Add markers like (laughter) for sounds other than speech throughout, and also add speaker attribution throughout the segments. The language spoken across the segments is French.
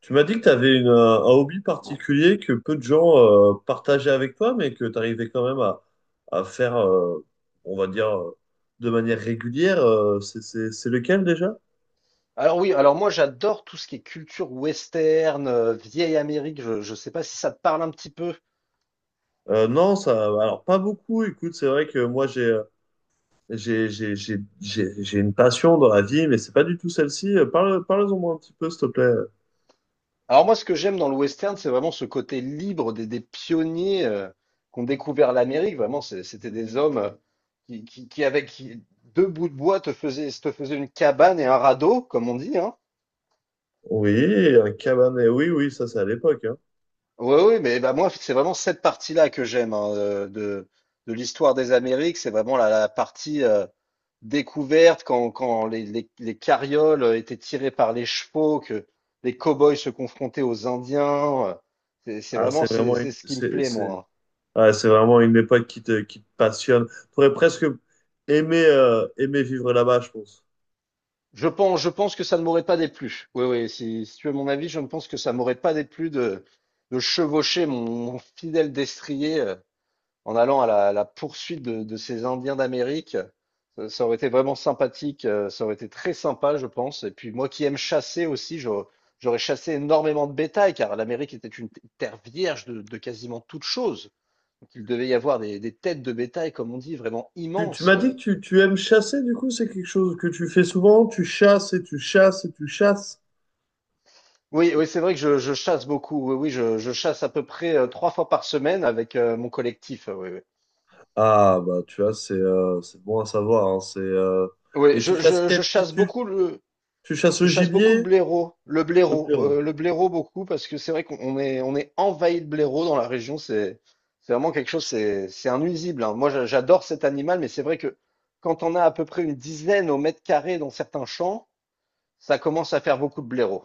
Speaker 1: Tu m'as dit que tu avais un hobby particulier que peu de gens partageaient avec toi, mais que tu arrivais quand même à faire, on va dire, de manière régulière. C'est lequel déjà?
Speaker 2: Alors oui, alors moi j'adore tout ce qui est culture western, vieille Amérique, je sais pas si ça te parle un petit peu.
Speaker 1: Non, ça, alors pas beaucoup. Écoute, c'est vrai que moi j'ai une passion dans la vie, mais c'est pas du tout celle-ci. Parle-en moi un petit peu, s'il te plaît.
Speaker 2: Alors moi ce que j'aime dans le western, c'est vraiment ce côté libre des pionniers qui ont découvert l'Amérique. Vraiment, c'était des hommes qui, qui, qui, avec qui- deux bouts de bois te faisaient une cabane et un radeau, comme on dit, hein.
Speaker 1: Oui, un cabaret. Oui, oui, ça c'est à l'époque, hein.
Speaker 2: Oui, oui, mais bah moi, c'est vraiment cette partie-là que j'aime hein, de l'histoire des Amériques. C'est vraiment la partie découverte quand les carrioles étaient tirées par les chevaux, que les cow-boys se confrontaient aux Indiens. C'est
Speaker 1: Ah, c'est
Speaker 2: vraiment c'est
Speaker 1: vraiment
Speaker 2: c'est
Speaker 1: une,
Speaker 2: ce qui me plaît,
Speaker 1: c'est-
Speaker 2: moi.
Speaker 1: ouais, c'est vraiment une époque qui te passionne. Tu aurais presque aimé vivre là-bas, je pense.
Speaker 2: Je pense que ça ne m'aurait pas déplu. Oui, oui, si tu veux mon avis, je ne pense que ça m'aurait pas déplu de chevaucher mon fidèle destrier, en allant à la poursuite de ces Indiens d'Amérique. Ça aurait été vraiment sympathique, ça aurait été très sympa, je pense. Et puis moi qui aime chasser aussi, j'aurais chassé énormément de bétail, car l'Amérique était une terre vierge de quasiment toute chose. Donc il devait y avoir des têtes de bétail, comme on dit, vraiment
Speaker 1: Tu
Speaker 2: immenses.
Speaker 1: m'as dit que tu aimes chasser, du coup, c'est quelque chose que tu fais souvent. Tu chasses et tu chasses et tu chasses.
Speaker 2: Oui, oui, c'est vrai que je chasse beaucoup. Oui, oui, je chasse à peu près trois fois par semaine avec mon collectif. Oui, oui.
Speaker 1: Ah bah, tu vois, c'est bon à savoir, hein,
Speaker 2: Oui,
Speaker 1: et tu chasses
Speaker 2: je chasse beaucoup.
Speaker 1: tu chasses
Speaker 2: Je
Speaker 1: le
Speaker 2: chasse beaucoup le
Speaker 1: gibier?
Speaker 2: blaireau, le
Speaker 1: Le
Speaker 2: blaireau,
Speaker 1: blaireau.
Speaker 2: le blaireau beaucoup parce que c'est vrai qu'on est on est envahi de blaireaux dans la région. C'est vraiment quelque chose. C'est un nuisible, hein. Moi, j'adore cet animal, mais c'est vrai que quand on a à peu près une dizaine au mètre carré dans certains champs, ça commence à faire beaucoup de blaireaux.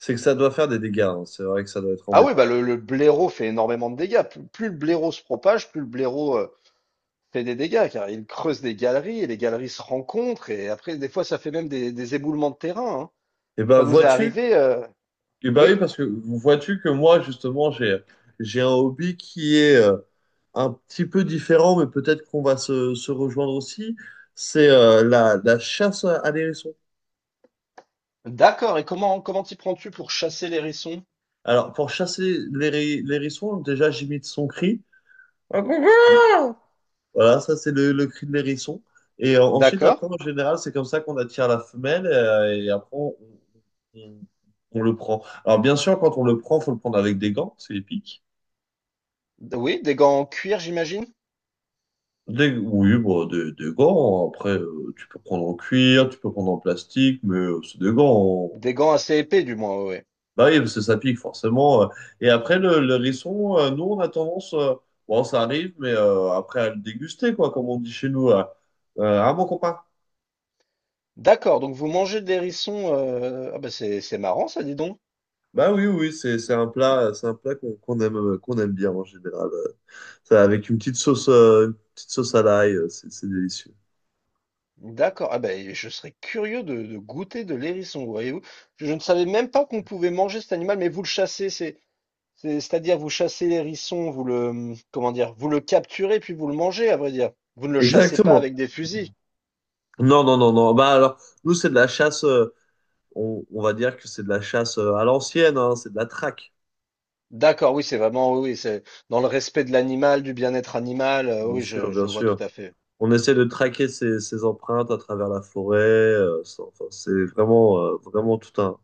Speaker 1: C'est que ça doit faire des dégâts, hein. C'est vrai que ça doit être
Speaker 2: Ah oui,
Speaker 1: embêtant.
Speaker 2: bah le blaireau fait énormément de dégâts. Plus le blaireau se propage, plus le blaireau fait des dégâts, car il creuse des galeries et les galeries se rencontrent, et après des fois ça fait même des éboulements de terrain, hein.
Speaker 1: Et bah,
Speaker 2: Ça nous est
Speaker 1: vois-tu?
Speaker 2: arrivé.
Speaker 1: Et bah oui,
Speaker 2: Oui.
Speaker 1: parce que vois-tu que j'ai un hobby qui est un petit peu différent, mais peut-être qu'on va se rejoindre aussi, c'est la, la chasse à l'hérisson.
Speaker 2: D'accord. Et comment t'y prends-tu pour chasser l'hérisson?
Speaker 1: Alors, pour chasser l'hérisson, déjà, j'imite son cri. Voilà, ça, c'est le cri de l'hérisson. Et ensuite,
Speaker 2: D'accord.
Speaker 1: après, en général, c'est comme ça qu'on attire la femelle et on- on le prend. Alors, bien sûr, quand on le prend, faut le prendre avec des gants, c'est épique.
Speaker 2: Oui, des gants en cuir, j'imagine.
Speaker 1: Oui, bon, des gants. Après, tu peux prendre en cuir, tu peux prendre en plastique, mais c'est des gants.
Speaker 2: Des gants assez épais, du moins, oui.
Speaker 1: Bah oui, parce que ça pique forcément, Et après, le hérisson, nous, on a tendance, bon, ça arrive, mais après à le déguster, quoi, comme on dit chez nous. Ah, mon copain.
Speaker 2: D'accord. Donc vous mangez des hérissons. Ah bah c'est marrant, ça, dis donc.
Speaker 1: Bah oui, oui, c'est un plat, c'est un plat qu'on aime, qu'on aime bien en général. Ça, avec une petite sauce à l'ail, c'est délicieux.
Speaker 2: D'accord. Ah bah et je serais curieux de goûter de l'hérisson, voyez-vous. Je ne savais même pas qu'on pouvait manger cet animal, mais vous le chassez, c'est c'est-à-dire vous chassez l'hérisson, vous le comment dire, vous le capturez puis vous le mangez, à vrai dire. Vous ne le chassez pas
Speaker 1: Exactement.
Speaker 2: avec des fusils.
Speaker 1: Non, non, non, non. Bah alors, nous, c'est de la chasse, on va dire que c'est de la chasse à l'ancienne, hein, c'est de la traque.
Speaker 2: D'accord, oui, c'est vraiment, oui, oui, c'est dans le respect de l'animal, du bien-être animal.
Speaker 1: Bien
Speaker 2: Oui,
Speaker 1: sûr, bien
Speaker 2: je vois tout
Speaker 1: sûr.
Speaker 2: à fait.
Speaker 1: On essaie de traquer ces empreintes à travers la forêt. Enfin, c'est vraiment, vraiment tout un,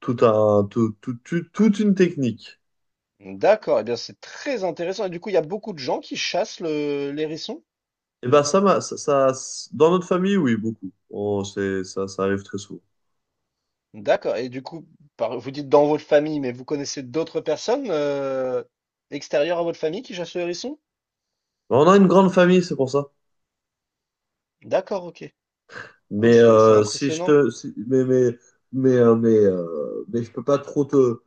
Speaker 1: tout un, tout, tout- tout- toute une technique.
Speaker 2: D'accord, eh bien, c'est très intéressant. Et du coup, il y a beaucoup de gens qui chassent l'hérisson?
Speaker 1: Et ben ça, m'a- ça- Dans notre famille, oui, beaucoup. Ça arrive très souvent.
Speaker 2: D'accord. Et du coup, vous dites dans votre famille, mais vous connaissez d'autres personnes extérieures à votre famille qui chassent le hérisson?
Speaker 1: Mais on a une grande famille, c'est pour ça.
Speaker 2: D'accord, ok. Ah oui,
Speaker 1: Mais
Speaker 2: c'est
Speaker 1: si je
Speaker 2: impressionnant.
Speaker 1: te, si- mais je peux pas trop te,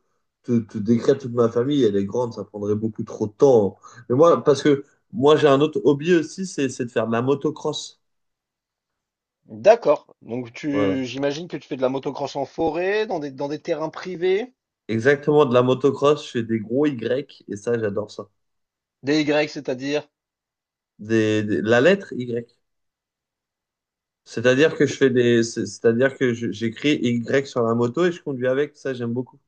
Speaker 1: te, te décrire toute ma famille. Elle est grande, ça prendrait beaucoup trop de temps. Mais moi, parce que moi, j'ai un autre hobby aussi, c'est de faire de la motocross.
Speaker 2: D'accord. Donc,
Speaker 1: Voilà.
Speaker 2: tu, j'imagine que tu fais de la motocross en forêt, dans dans des terrains privés,
Speaker 1: Exactement, de la motocross, je fais des gros Y et ça, j'adore ça.
Speaker 2: des Y, c'est-à-dire.
Speaker 1: La lettre Y.
Speaker 2: C'est-
Speaker 1: C'est-à-dire que j'écris Y sur la moto et je conduis avec. Ça, j'aime beaucoup.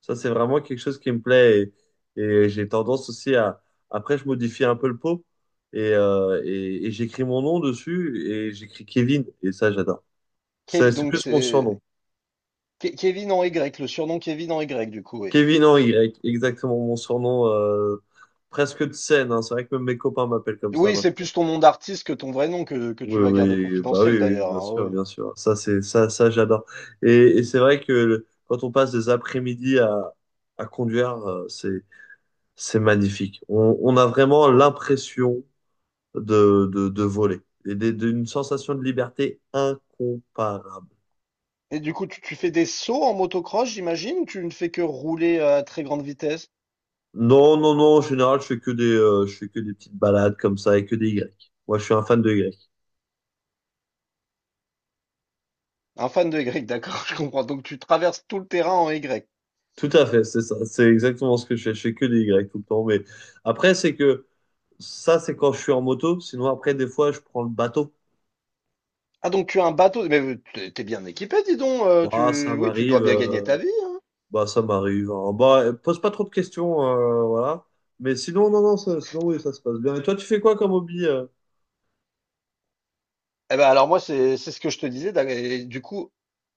Speaker 1: Ça, c'est vraiment quelque chose qui me plaît et j'ai tendance aussi à, après, je modifie un peu le pot et j'écris mon nom dessus et j'écris Kevin et ça, j'adore. Ça, c'est
Speaker 2: Donc,
Speaker 1: plus mon surnom.
Speaker 2: c'est Kevin en Y, le surnom Kevin en Y, du coup, oui.
Speaker 1: Kevin en Y, exactement mon surnom, presque de scène, hein. C'est vrai que même mes copains m'appellent comme ça
Speaker 2: Oui, c'est
Speaker 1: maintenant.
Speaker 2: plus ton nom d'artiste que ton vrai nom que
Speaker 1: Oui,
Speaker 2: tu vas garder
Speaker 1: oui, bah
Speaker 2: confidentiel
Speaker 1: oui, oui,
Speaker 2: d'ailleurs,
Speaker 1: bien
Speaker 2: hein,
Speaker 1: sûr,
Speaker 2: ouais, ouais.
Speaker 1: bien sûr. Ça, ça, j'adore. Et c'est vrai que quand on passe des après-midi à conduire, c'est magnifique. On a vraiment l'impression de voler d'une sensation de liberté incomparable.
Speaker 2: Et du coup, tu fais des sauts en motocross, j'imagine, ou tu ne fais que rouler à très grande vitesse?
Speaker 1: Non, non, non. En général, je fais que des petites balades comme ça et que des Y. Moi, je suis un fan de Y.
Speaker 2: Un fan de Y, d'accord, (laughs) je comprends. Donc tu traverses tout le terrain en Y.
Speaker 1: Tout à fait, c'est ça. C'est exactement ce que je fais. Je fais que des Y tout le temps. Mais après, c'est que ça, c'est quand je suis en moto. Sinon, après, des fois, je prends le bateau.
Speaker 2: Ah, donc tu as un bateau, mais t'es bien équipé, dis donc.
Speaker 1: Bah, ça
Speaker 2: Oui, tu dois
Speaker 1: m'arrive,
Speaker 2: bien gagner ta vie.
Speaker 1: bah, ça m'arrive, hein. Bah, pose pas trop de questions, voilà. Mais sinon, non, non, ça- sinon, oui, ça se passe bien. Et toi, tu fais quoi comme hobby,
Speaker 2: Eh ben alors moi, c'est ce que je te disais. Du coup,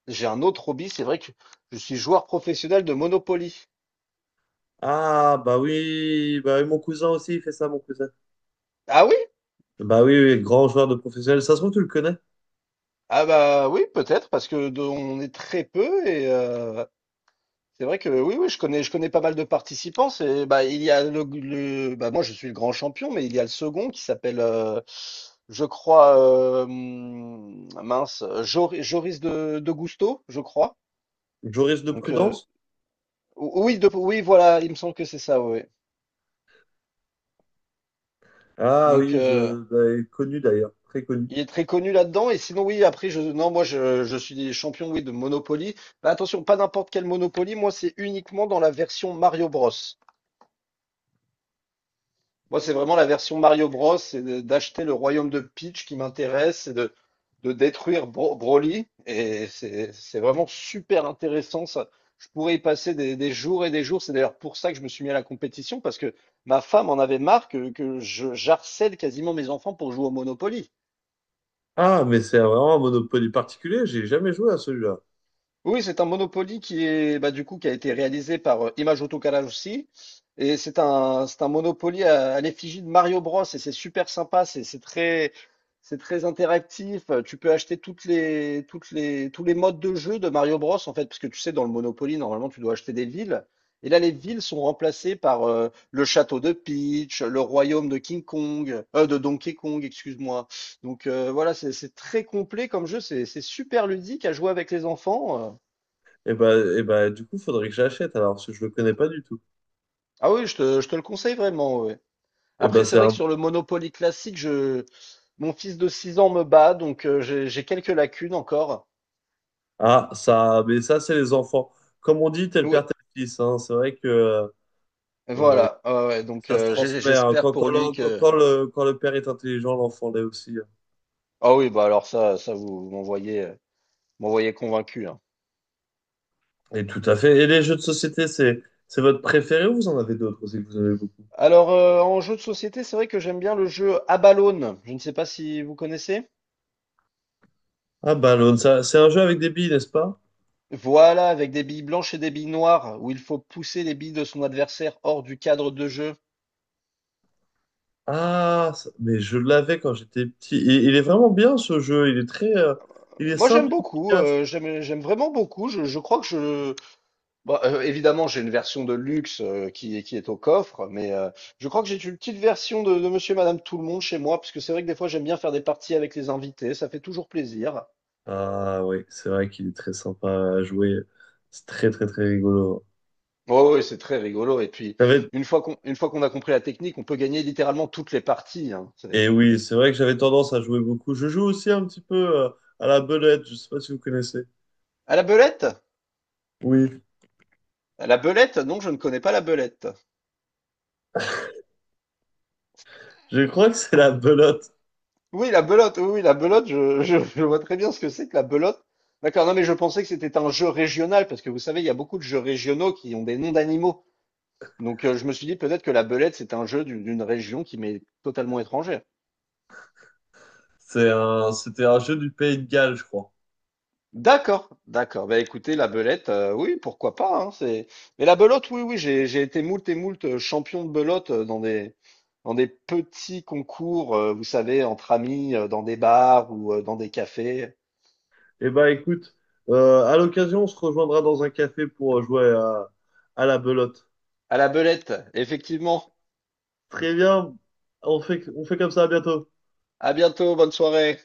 Speaker 2: j'ai un autre hobby. C'est vrai que je suis joueur professionnel de Monopoly.
Speaker 1: Ah, bah oui, mon cousin aussi, il fait ça, mon cousin.
Speaker 2: Ah oui?
Speaker 1: Bah oui, oui, grand joueur de professionnel. Ça se trouve, tu le connais.
Speaker 2: Ah bah oui, peut-être, parce que on est très peu et c'est vrai que oui, oui, je connais pas mal de participants. C'est bah il y a bah moi je suis le grand champion, mais il y a le second qui s'appelle, je crois, mince, Joris de Gusto, je crois.
Speaker 1: Joris de
Speaker 2: Donc
Speaker 1: Prudence.
Speaker 2: oui, oui, voilà, il me semble que c'est ça, oui.
Speaker 1: Ah
Speaker 2: Donc
Speaker 1: oui, je l'avais connu d'ailleurs. Très connu.
Speaker 2: il est très connu là-dedans. Et sinon, oui, après, non, je suis champion, oui, de Monopoly. Mais attention, pas n'importe quel Monopoly. Moi, c'est uniquement dans la version Mario Bros. Moi, c'est vraiment la version Mario Bros. D'acheter le royaume de Peach qui m'intéresse, de détruire Broly. C'est vraiment super intéressant, ça. Je pourrais y passer des jours et des jours. C'est d'ailleurs pour ça que je me suis mis à la compétition, parce que ma femme en avait marre j'harcèle quasiment mes enfants pour jouer au Monopoly.
Speaker 1: Ah, mais c'est vraiment un Monopoly particulier. J'ai jamais joué à celui-là.
Speaker 2: Oui, c'est un Monopoly qui est bah, du coup qui a été réalisé par Image Autocalat aussi. Et c'est un Monopoly à l'effigie de Mario Bros. Et c'est super sympa, c'est très c'est très interactif. Tu peux acheter toutes les tous les modes de jeu de Mario Bros. En fait, parce que tu sais dans le Monopoly normalement tu dois acheter des villes. Et là les villes sont remplacées par le château de Peach, le royaume de King Kong, de Donkey Kong, excuse-moi. Donc voilà, c'est très complet comme jeu, c'est super ludique à jouer avec les enfants.
Speaker 1: Et bah, du coup, faudrait que j'achète alors, parce que je le connais pas du tout.
Speaker 2: Ah oui, je te le conseille vraiment, ouais.
Speaker 1: Eh
Speaker 2: Après,
Speaker 1: ben
Speaker 2: c'est
Speaker 1: c'est
Speaker 2: vrai que
Speaker 1: un...
Speaker 2: sur le Monopoly classique, mon fils de 6 ans me bat, donc j'ai quelques lacunes encore.
Speaker 1: Ah, ça, mais ça, c'est les enfants. Comme on dit, tel
Speaker 2: Oui,
Speaker 1: père, tel fils, hein. C'est vrai que euh,
Speaker 2: voilà. Ah ouais, donc
Speaker 1: ça se transmet, hein.
Speaker 2: j'espère
Speaker 1: Quand,
Speaker 2: pour
Speaker 1: quand
Speaker 2: lui
Speaker 1: le, quand-
Speaker 2: que.
Speaker 1: quand le, quand le père est intelligent, l'enfant l'est aussi, hein.
Speaker 2: Ah oui, bah alors ça, vous m'envoyez, m'envoyez convaincu, hein.
Speaker 1: Et tout à fait. Et les jeux de société, c'est votre préféré ou vous en avez d'autres aussi que vous avez beaucoup?
Speaker 2: Alors en jeu de société, c'est vrai que j'aime bien le jeu à ballonne. Je ne sais pas si vous connaissez.
Speaker 1: Ah, Ballon, ça, c'est un jeu avec des billes, n'est-ce pas?
Speaker 2: Voilà, avec des billes blanches et des billes noires, où il faut pousser les billes de son adversaire hors du cadre de jeu.
Speaker 1: Ah, ça- mais je l'avais quand j'étais petit. Et il est vraiment bien ce jeu. Il est très, il est
Speaker 2: Moi,
Speaker 1: simple
Speaker 2: j'aime
Speaker 1: et
Speaker 2: beaucoup,
Speaker 1: efficace.
Speaker 2: j'aime vraiment beaucoup. Je crois que évidemment, j'ai une version de luxe, qui est au coffre, mais, je crois que j'ai une petite version de Monsieur et Madame Tout-le-Monde chez moi, parce que c'est vrai que des fois, j'aime bien faire des parties avec les invités, ça fait toujours plaisir.
Speaker 1: Ah oui, c'est vrai qu'il est très sympa à jouer. C'est très, très, très rigolo.
Speaker 2: Oh, oui, ouais, c'est très rigolo et puis
Speaker 1: T'avais,
Speaker 2: une fois qu'on a compris la technique, on peut gagner littéralement toutes les parties, hein,
Speaker 1: et
Speaker 2: c'est
Speaker 1: oui, c'est vrai que j'avais tendance à jouer beaucoup. Je joue aussi un petit peu euh, à la belote, je sais pas si vous connaissez.
Speaker 2: à la belette.
Speaker 1: Oui,
Speaker 2: À la belette? Non, je ne connais pas la belette.
Speaker 1: je crois que c'est la belote.
Speaker 2: Oui, la belote, oui, oui, la belote, (laughs) je vois très bien ce que c'est que la belote. D'accord, non, mais je pensais que c'était un jeu régional, parce que vous savez, il y a beaucoup de jeux régionaux qui ont des noms d'animaux. Donc, je me suis dit peut-être que la belette, c'est un jeu d'une région qui m'est totalement étrangère.
Speaker 1: C'est un, c'était un jeu du Pays de Galles, je crois.
Speaker 2: D'accord, d'accord. Bah écoutez, la belette, oui, pourquoi pas, hein, c'est... Mais la belote, oui, oui, j'ai été moult et moult champion de belote dans dans des petits concours, vous savez, entre amis, dans des bars ou dans des cafés.
Speaker 1: Eh ben écoute, à l'occasion, on se rejoindra dans un café pour jouer à la belote.
Speaker 2: À la belette, effectivement.
Speaker 1: Très bien, on fait comme ça, à bientôt.
Speaker 2: À bientôt, bonne soirée.